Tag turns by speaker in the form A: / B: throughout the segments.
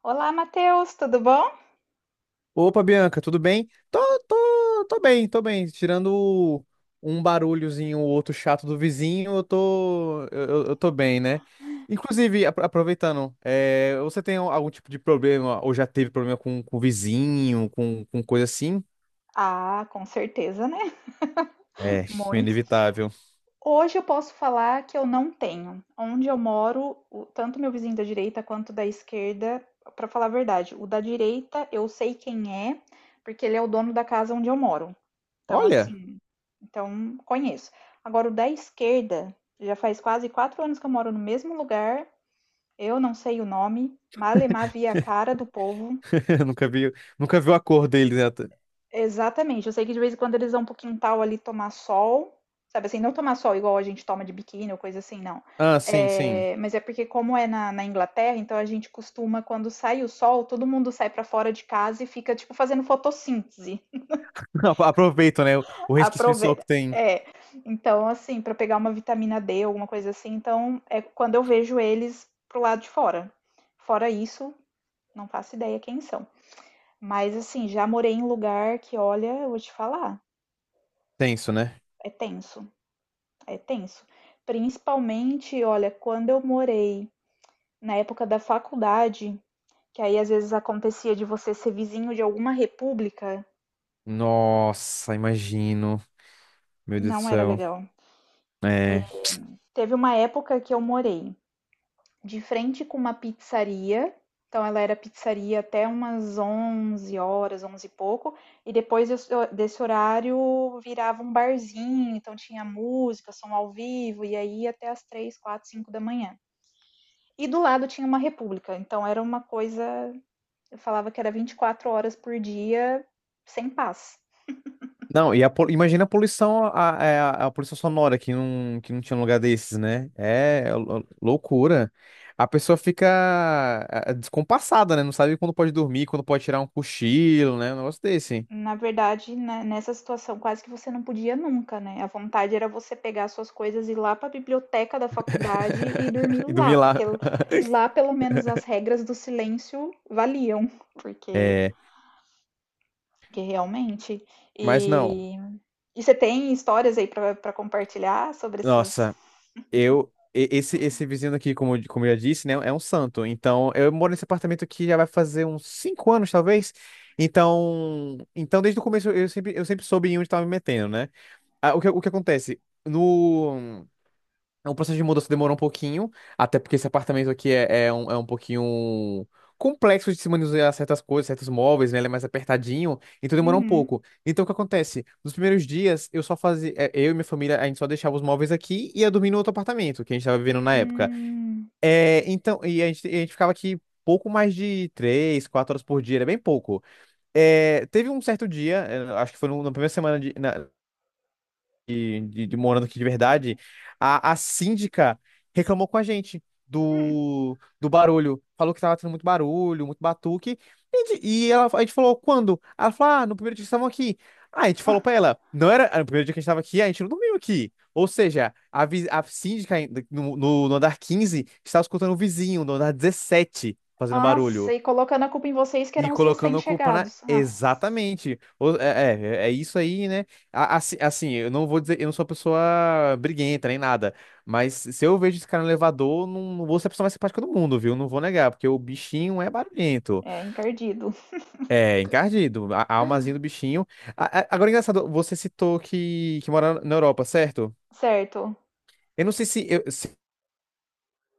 A: Olá, Matheus, tudo bom?
B: Opa, Bianca, tudo bem? Tô bem, tô bem. Tirando um barulhozinho, o outro chato do vizinho, eu tô bem, né? Inclusive, aproveitando, você tem algum tipo de problema, ou já teve problema com vizinho, com coisa assim?
A: Ah, com certeza, né?
B: É,
A: Muitos.
B: inevitável.
A: Hoje eu posso falar que eu não tenho. Onde eu moro, tanto meu vizinho da direita quanto da esquerda, para falar a verdade, o da direita eu sei quem é, porque ele é o dono da casa onde eu moro. Então,
B: Olha,
A: assim, então conheço. Agora, o da esquerda, já faz quase 4 anos que eu moro no mesmo lugar, eu não sei o nome, malemar via a cara do povo.
B: eu nunca vi, nunca vi a cor deles, né?
A: Exatamente. Eu sei que de vez em quando eles vão pro quintal ali tomar sol, sabe assim, não tomar sol igual a gente toma de biquíni ou coisa assim, não.
B: Ah, sim, sim.
A: É, mas é porque como é na Inglaterra, então a gente costuma, quando sai o sol, todo mundo sai pra fora de casa e fica, tipo, fazendo fotossíntese.
B: Aproveito, né? O resquício de sol
A: Aproveita.
B: que tem.
A: É, então assim, pra pegar uma vitamina D, alguma coisa assim, então é quando eu vejo eles pro lado de fora. Fora isso, não faço ideia quem são. Mas assim, já morei em lugar que, olha, eu vou te falar,
B: Tenso, né?
A: é tenso. É tenso. Principalmente, olha, quando eu morei na época da faculdade, que aí às vezes acontecia de você ser vizinho de alguma república,
B: Nossa, imagino. Meu Deus do
A: não era
B: céu.
A: legal.
B: É.
A: Teve uma época que eu morei de frente com uma pizzaria, então ela era pizzaria até umas 11 horas, 11 e pouco, e depois desse horário virava um barzinho, então tinha música, som ao vivo, e aí até as 3, 4, 5 da manhã. E do lado tinha uma república, então era uma coisa eu falava que era 24 horas por dia sem paz.
B: Não, e imagina a poluição, a poluição sonora que não tinha um lugar desses, né? É loucura. A pessoa fica descompassada, né? Não sabe quando pode dormir, quando pode tirar um cochilo, né? Um negócio desse.
A: Na verdade, né, nessa situação, quase que você não podia nunca, né? A vontade era você pegar suas coisas e ir lá para a biblioteca da faculdade e dormir
B: E
A: lá,
B: dormir
A: porque
B: lá.
A: lá pelo menos as regras do silêncio valiam, porque,
B: É,
A: porque realmente.
B: mas não.
A: E, e você tem histórias aí para compartilhar sobre esses.
B: Nossa, Esse vizinho aqui, como eu já disse, né? É um santo. Então, eu moro nesse apartamento aqui já vai fazer uns 5 anos, talvez. Então desde o começo eu sempre soube em onde estava me metendo, né? Ah, o que acontece? No. O processo de mudança demorou um pouquinho, até porque esse apartamento aqui é um pouquinho complexo de se manusear certas coisas, certos móveis, né? Ele é mais apertadinho, então demorou um
A: Uhum.
B: pouco. Então o que acontece? Nos primeiros dias, eu só fazia. Eu e minha família, a gente só deixava os móveis aqui e ia dormir no outro apartamento que a gente tava vivendo na época.
A: Hum.
B: É, a gente ficava aqui. Pouco mais de 3, 4 horas por dia, era bem pouco. É, teve um certo dia, acho que foi na primeira semana de morando aqui de verdade, a síndica reclamou com a gente
A: Hum.
B: do barulho. Falou que tava tendo muito barulho, muito batuque. E ela, a gente falou, quando? Ela falou, no primeiro dia que estavam aqui. Ah, a gente falou pra ela, não era, no primeiro dia que a gente tava aqui, a gente não dormiu aqui. Ou seja, a síndica no andar 15 estava escutando o vizinho no andar 17 fazendo
A: Nossa,
B: barulho.
A: e colocando a culpa em vocês que
B: E
A: eram os
B: colocando a culpa na.
A: recém-chegados. Ah,
B: Exatamente. É, É, é, isso aí, né? Assim, eu não vou dizer, eu não sou uma pessoa briguenta nem nada. Mas se eu vejo esse cara no elevador, não, não vou ser a pessoa mais simpática do mundo, viu? Não vou negar, porque o bichinho é barulhento.
A: é encardido.
B: É, encardido. A almazinha do bichinho. Agora, é engraçado, você citou que mora na Europa, certo?
A: Certo.
B: Eu não sei se eu,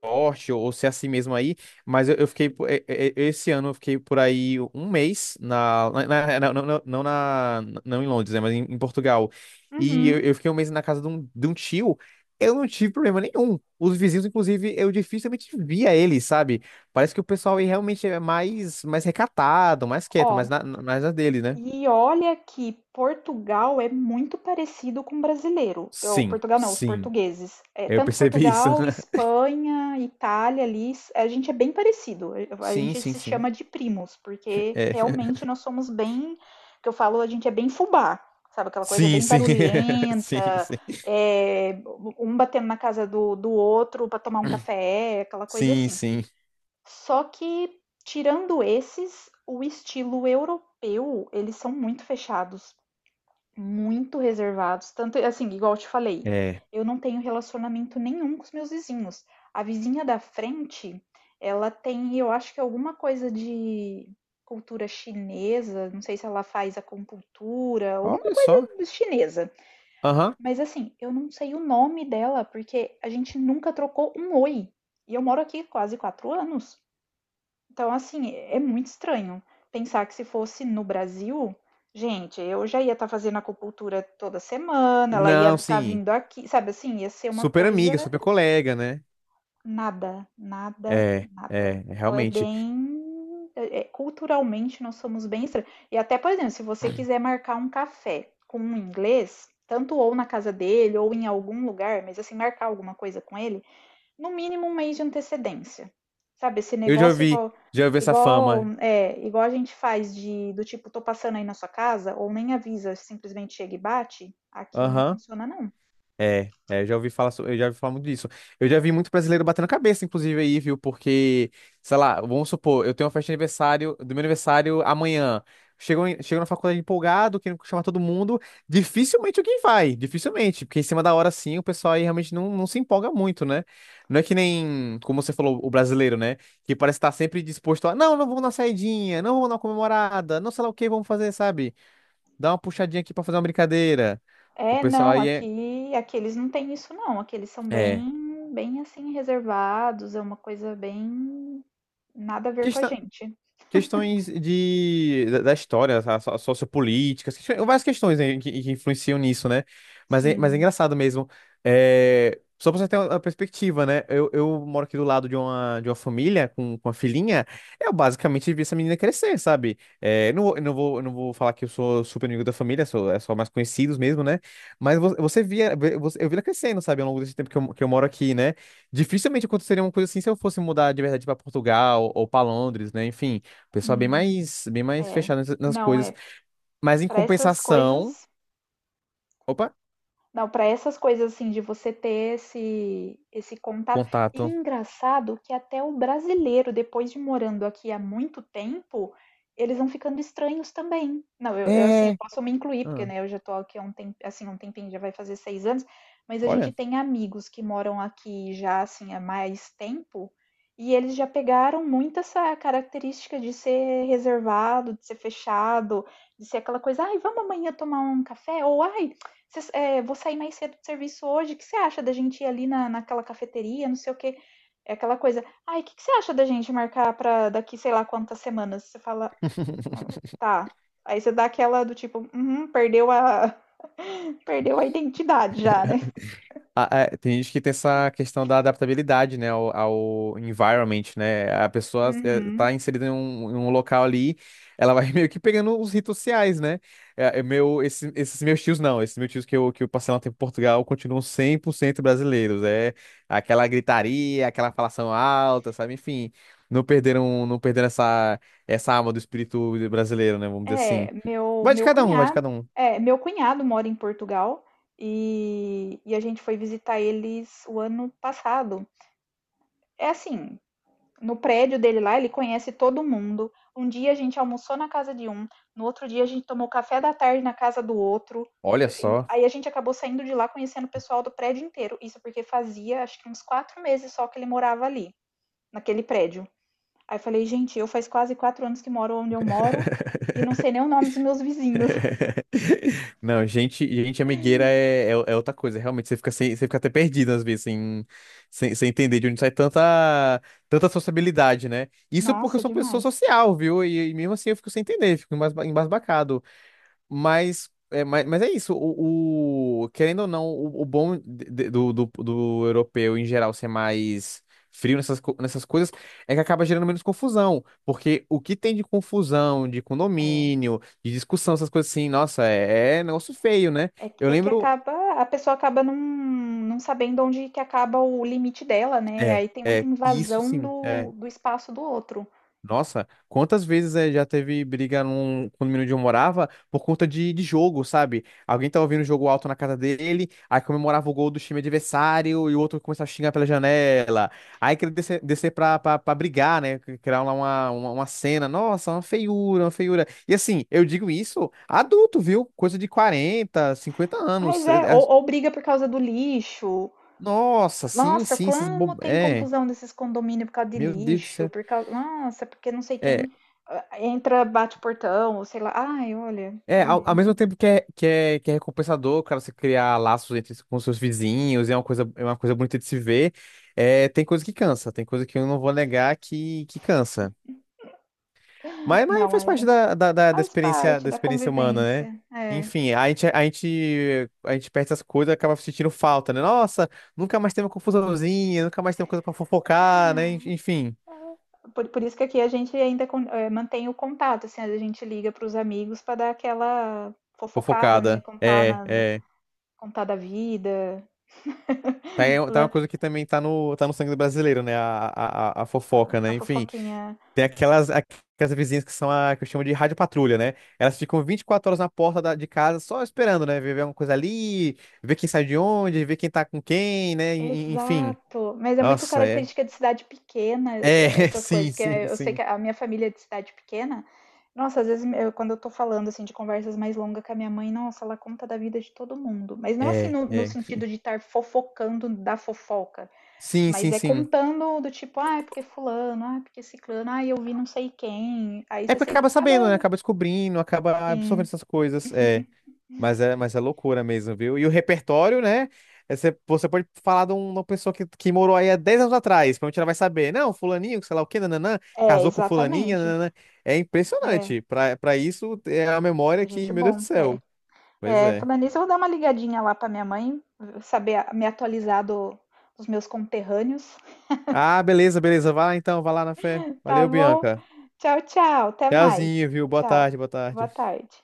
B: forte ou ser assim mesmo aí, mas eu fiquei, esse ano eu fiquei por aí um mês, não em Londres, né, mas em Portugal, e eu,
A: Uhum.
B: eu fiquei um mês na casa de um tio, eu não tive problema nenhum, os vizinhos, inclusive, eu dificilmente via eles, sabe, parece que o pessoal aí realmente é mais, mais recatado, mais quieto, mais
A: Ó,
B: na, na- mais na dele, né?
A: e olha que Portugal é muito parecido com o brasileiro. Ou,
B: Sim,
A: Portugal não, os
B: sim,
A: portugueses. É,
B: eu
A: tanto
B: percebi isso,
A: Portugal, Espanha, Itália ali, a gente é bem parecido. A
B: Sim,
A: gente
B: sim,
A: se
B: sim.
A: chama de primos, porque
B: É.
A: realmente nós somos bem, que eu falo, a gente é bem fubá, sabe? Aquela coisa
B: Sim,
A: bem
B: sim. Sim,
A: barulhenta,
B: sim.
A: é, um batendo na casa do outro para tomar um café, aquela coisa
B: Sim,
A: assim.
B: sim.
A: Só que, tirando esses, o estilo europeu, eles são muito fechados, muito reservados. Tanto, assim, igual eu te falei,
B: É.
A: eu não tenho relacionamento nenhum com os meus vizinhos. A vizinha da frente, ela tem, eu acho que alguma coisa de cultura chinesa, não sei se ela faz acupuntura, alguma
B: Olha
A: coisa
B: só.
A: chinesa.
B: Aham.
A: Mas assim, eu não sei o nome dela, porque a gente nunca trocou um oi. E eu moro aqui quase 4 anos. Então, assim, é muito estranho pensar que se fosse no Brasil, gente, eu já ia estar fazendo acupuntura toda semana, ela ia
B: Não,
A: estar
B: sim.
A: vindo aqui, sabe assim, ia ser uma
B: Super
A: coisa
B: amiga, super colega, né?
A: nada,
B: É,
A: nada, nada.
B: é, é,
A: Então é
B: realmente.
A: bem. Culturalmente nós somos bem estranhos. E até, por exemplo, se você quiser marcar um café com um inglês, tanto ou na casa dele ou em algum lugar, mas assim, marcar alguma coisa com ele no mínimo um mês de antecedência. Sabe, esse
B: Eu já
A: negócio
B: ouvi,
A: igual
B: já ouvi essa
A: igual
B: fama.
A: é, igual a gente faz de do tipo tô passando aí na sua casa ou nem avisa, simplesmente chega e bate, aqui não
B: Aham.
A: funciona não.
B: Eu já ouvi falar muito disso. Eu já vi muito brasileiro batendo cabeça, inclusive, aí, viu? Porque, sei lá, vamos supor, eu tenho uma festa de aniversário, do meu aniversário amanhã. Chego na faculdade empolgado, querendo chamar todo mundo. Dificilmente alguém vai, dificilmente. Porque em cima da hora, sim, o pessoal aí realmente não se empolga muito, né? Não é que nem, como você falou, o brasileiro, né? Que parece estar sempre disposto a, não vamos na saidinha, não vamos na comemorada, não sei lá o que vamos fazer, sabe? Dá uma puxadinha aqui pra fazer uma brincadeira. O
A: É,
B: pessoal
A: não,
B: aí é.
A: aqui eles não têm isso não, aqui eles são
B: É.
A: bem assim reservados, é uma coisa bem nada a ver com a
B: Questão-
A: gente.
B: Questões de, da da história, tá? Sociopolíticas, várias questões né, que influenciam nisso, né? Mas é
A: Sim.
B: engraçado mesmo. É, só pra você ter uma perspectiva, né? Eu moro aqui do lado de uma, família com uma filhinha. Eu basicamente vi essa menina crescer, sabe? É, não, não vou falar que eu sou super amigo da família, sou, é só mais conhecidos mesmo, né? Mas vo- você via, vê- você- eu vi ela crescendo, sabe? Ao longo desse tempo que eu moro aqui, né? Dificilmente aconteceria uma coisa assim se eu fosse mudar de verdade pra Portugal ou pra Londres, né? Enfim. Pessoal
A: Hum,
B: bem mais
A: é.
B: fechado nessas nas
A: Não,
B: coisas.
A: é
B: Mas em
A: para essas
B: compensação.
A: coisas.
B: Opa,
A: Não, para essas coisas assim de você ter esse contato. E
B: contato.
A: engraçado que até o brasileiro, depois de morando aqui há muito tempo, eles vão ficando estranhos também. Não, eu, assim, eu
B: É.
A: posso me incluir, porque
B: Ah,
A: né, eu já tô aqui há um tempo, assim, um tempinho, já vai fazer 6 anos, mas a gente
B: olha.
A: tem amigos que moram aqui já assim há mais tempo, e eles já pegaram muito essa característica de ser reservado, de ser fechado, de ser aquela coisa, ai, vamos amanhã tomar um café, ou ai, Cês "Vou sair mais cedo do serviço hoje, o que você acha da gente ir ali na naquela cafeteria, não sei o quê?" É aquela coisa: "Ai, o que que você acha da gente marcar pra daqui sei lá quantas semanas?" Você fala: "Ah, "Tá." Aí você dá aquela do tipo: "Uhum, perdeu a perdeu a identidade já, né?"
B: Tem gente que tem essa questão da adaptabilidade, né, ao environment, né? A pessoa
A: Uhum.
B: tá inserida em um, local ali, ela vai meio que pegando os ritos sociais, né? É meu, esses meus tios não, esses meus tios que eu passei lá um tempo em Portugal continuam 100% brasileiros. É aquela gritaria, aquela falação alta, sabe? Enfim, não perderam essa, alma do espírito brasileiro, né? Vamos dizer
A: É,
B: assim.
A: meu
B: Vai de
A: meu
B: cada um, vai de
A: cunhado
B: cada um.
A: é, meu cunhado mora em Portugal, e a gente foi visitar eles o ano passado. É assim, no prédio dele lá, ele conhece todo mundo. Um dia a gente almoçou na casa de um, no outro dia a gente tomou café da tarde na casa do outro.
B: Olha só.
A: Aí a gente acabou saindo de lá conhecendo o pessoal do prédio inteiro. Isso porque fazia acho que uns 4 meses só que ele morava ali, naquele prédio. Aí falei, gente, eu faz quase 4 anos que moro onde eu moro e não sei nem o nome dos meus vizinhos.
B: Não, gente, gente amigueira é outra coisa. Realmente, você fica, sem, você fica até perdido às vezes, sem entender de onde sai tanta, tanta sociabilidade, né? Isso porque eu
A: Nossa,
B: sou uma pessoa
A: demais.
B: social, viu? E mesmo assim eu fico sem entender, fico embasbacado. Mas é isso. Querendo ou não, o bom do europeu em geral ser mais frio nessas coisas é que acaba gerando menos confusão. Porque o que tem de confusão, de
A: É.
B: condomínio, de discussão, essas coisas assim, nossa, é negócio feio, né?
A: É,
B: Eu
A: é que
B: lembro.
A: acaba, a pessoa acaba não sabendo onde que acaba o limite dela, né?
B: É,
A: Aí tem muita
B: é, isso
A: invasão
B: sim.
A: do espaço do outro.
B: Nossa, quantas vezes já teve briga num condomínio onde eu morava por conta de jogo, sabe? Alguém tava ouvindo o jogo alto na casa dele, aí comemorava o gol do time adversário e o outro começava a xingar pela janela. Aí queria descer, pra brigar, né? Criar lá uma cena. Nossa, uma feiura, uma feiura. E assim, eu digo isso adulto, viu? Coisa de 40, 50
A: Mas
B: anos.
A: é, ou briga por causa do lixo.
B: Nossa, sim,
A: Nossa,
B: sim, essas
A: como
B: bo...
A: tem
B: É,
A: confusão desses condomínios por causa de
B: meu Deus do
A: lixo,
B: céu.
A: por causa, nossa, porque não sei
B: É,
A: quem entra, bate o portão, ou sei lá. Ai, olha,
B: É,
A: é
B: ao, ao
A: muito.
B: mesmo tempo que é recompensador, cara, você criar laços com seus vizinhos, é uma coisa bonita de se ver, é, tem coisa que cansa, tem coisa que eu não vou negar que cansa. Mas
A: Não,
B: faz
A: é,
B: parte da
A: faz
B: experiência,
A: parte
B: da
A: da
B: experiência humana, né?
A: convivência. É.
B: Enfim, a gente perde essas coisas e acaba sentindo falta, né? Nossa, nunca mais tem uma confusãozinha, nunca mais tem uma coisa pra fofocar, né? Enfim,
A: Por isso que aqui a gente ainda mantém o contato, assim, a gente liga para os amigos para dar aquela fofocada, né?
B: fofocada.
A: Contar,
B: É, é.
A: contar da vida,
B: Tá uma
A: la-
B: coisa que também tá no sangue do brasileiro, né? A
A: a
B: fofoca,
A: a
B: né? Enfim.
A: fofoquinha.
B: Tem aquelas vizinhas que são a que eu chamo de rádio patrulha, né? Elas ficam 24 horas na porta de casa só esperando, né? Ver alguma coisa ali, ver quem sai de onde, ver quem tá com quem, né? Enfim.
A: Exato. Mas é muito
B: Nossa, é.
A: característica de cidade pequena,
B: É,
A: essas coisas,
B: sim,
A: porque
B: sim,
A: eu sei
B: sim.
A: que a minha família é de cidade pequena. Nossa, às vezes quando eu tô falando assim de conversas mais longas com a minha mãe, nossa, ela conta da vida de todo mundo. Mas não assim
B: É,
A: no
B: é.
A: sentido de estar fofocando da fofoca.
B: Sim,
A: Mas
B: sim,
A: é
B: sim.
A: contando do tipo, ah, é porque fulano, ah, é porque ciclano, ah, eu vi não sei quem. Aí
B: É
A: você
B: porque
A: sempre
B: acaba sabendo, né?
A: acaba.
B: Acaba descobrindo, acaba absorvendo
A: Sim.
B: essas coisas. É. Mas é loucura mesmo, viu? E o repertório, né? Você pode falar de uma pessoa que morou aí há 10 anos atrás, provavelmente ela vai saber. Não, fulaninho, sei lá o quê, nananã,
A: É,
B: casou com fulaninha,
A: exatamente.
B: nananã. É
A: É,
B: impressionante. Pra isso, é a memória
A: a
B: que,
A: gente é
B: meu Deus do
A: bom. É.
B: céu. Pois
A: É,
B: é.
A: falando nisso, eu vou dar uma ligadinha lá pra minha mãe, saber me atualizar dos meus conterrâneos.
B: Ah, beleza, beleza. Vai lá então, vai lá na fé.
A: Tá
B: Valeu,
A: bom?
B: Bianca.
A: Tchau, tchau. Até mais.
B: Tchauzinho, viu? Boa
A: Tchau.
B: tarde, boa
A: Boa
B: tarde.
A: tarde.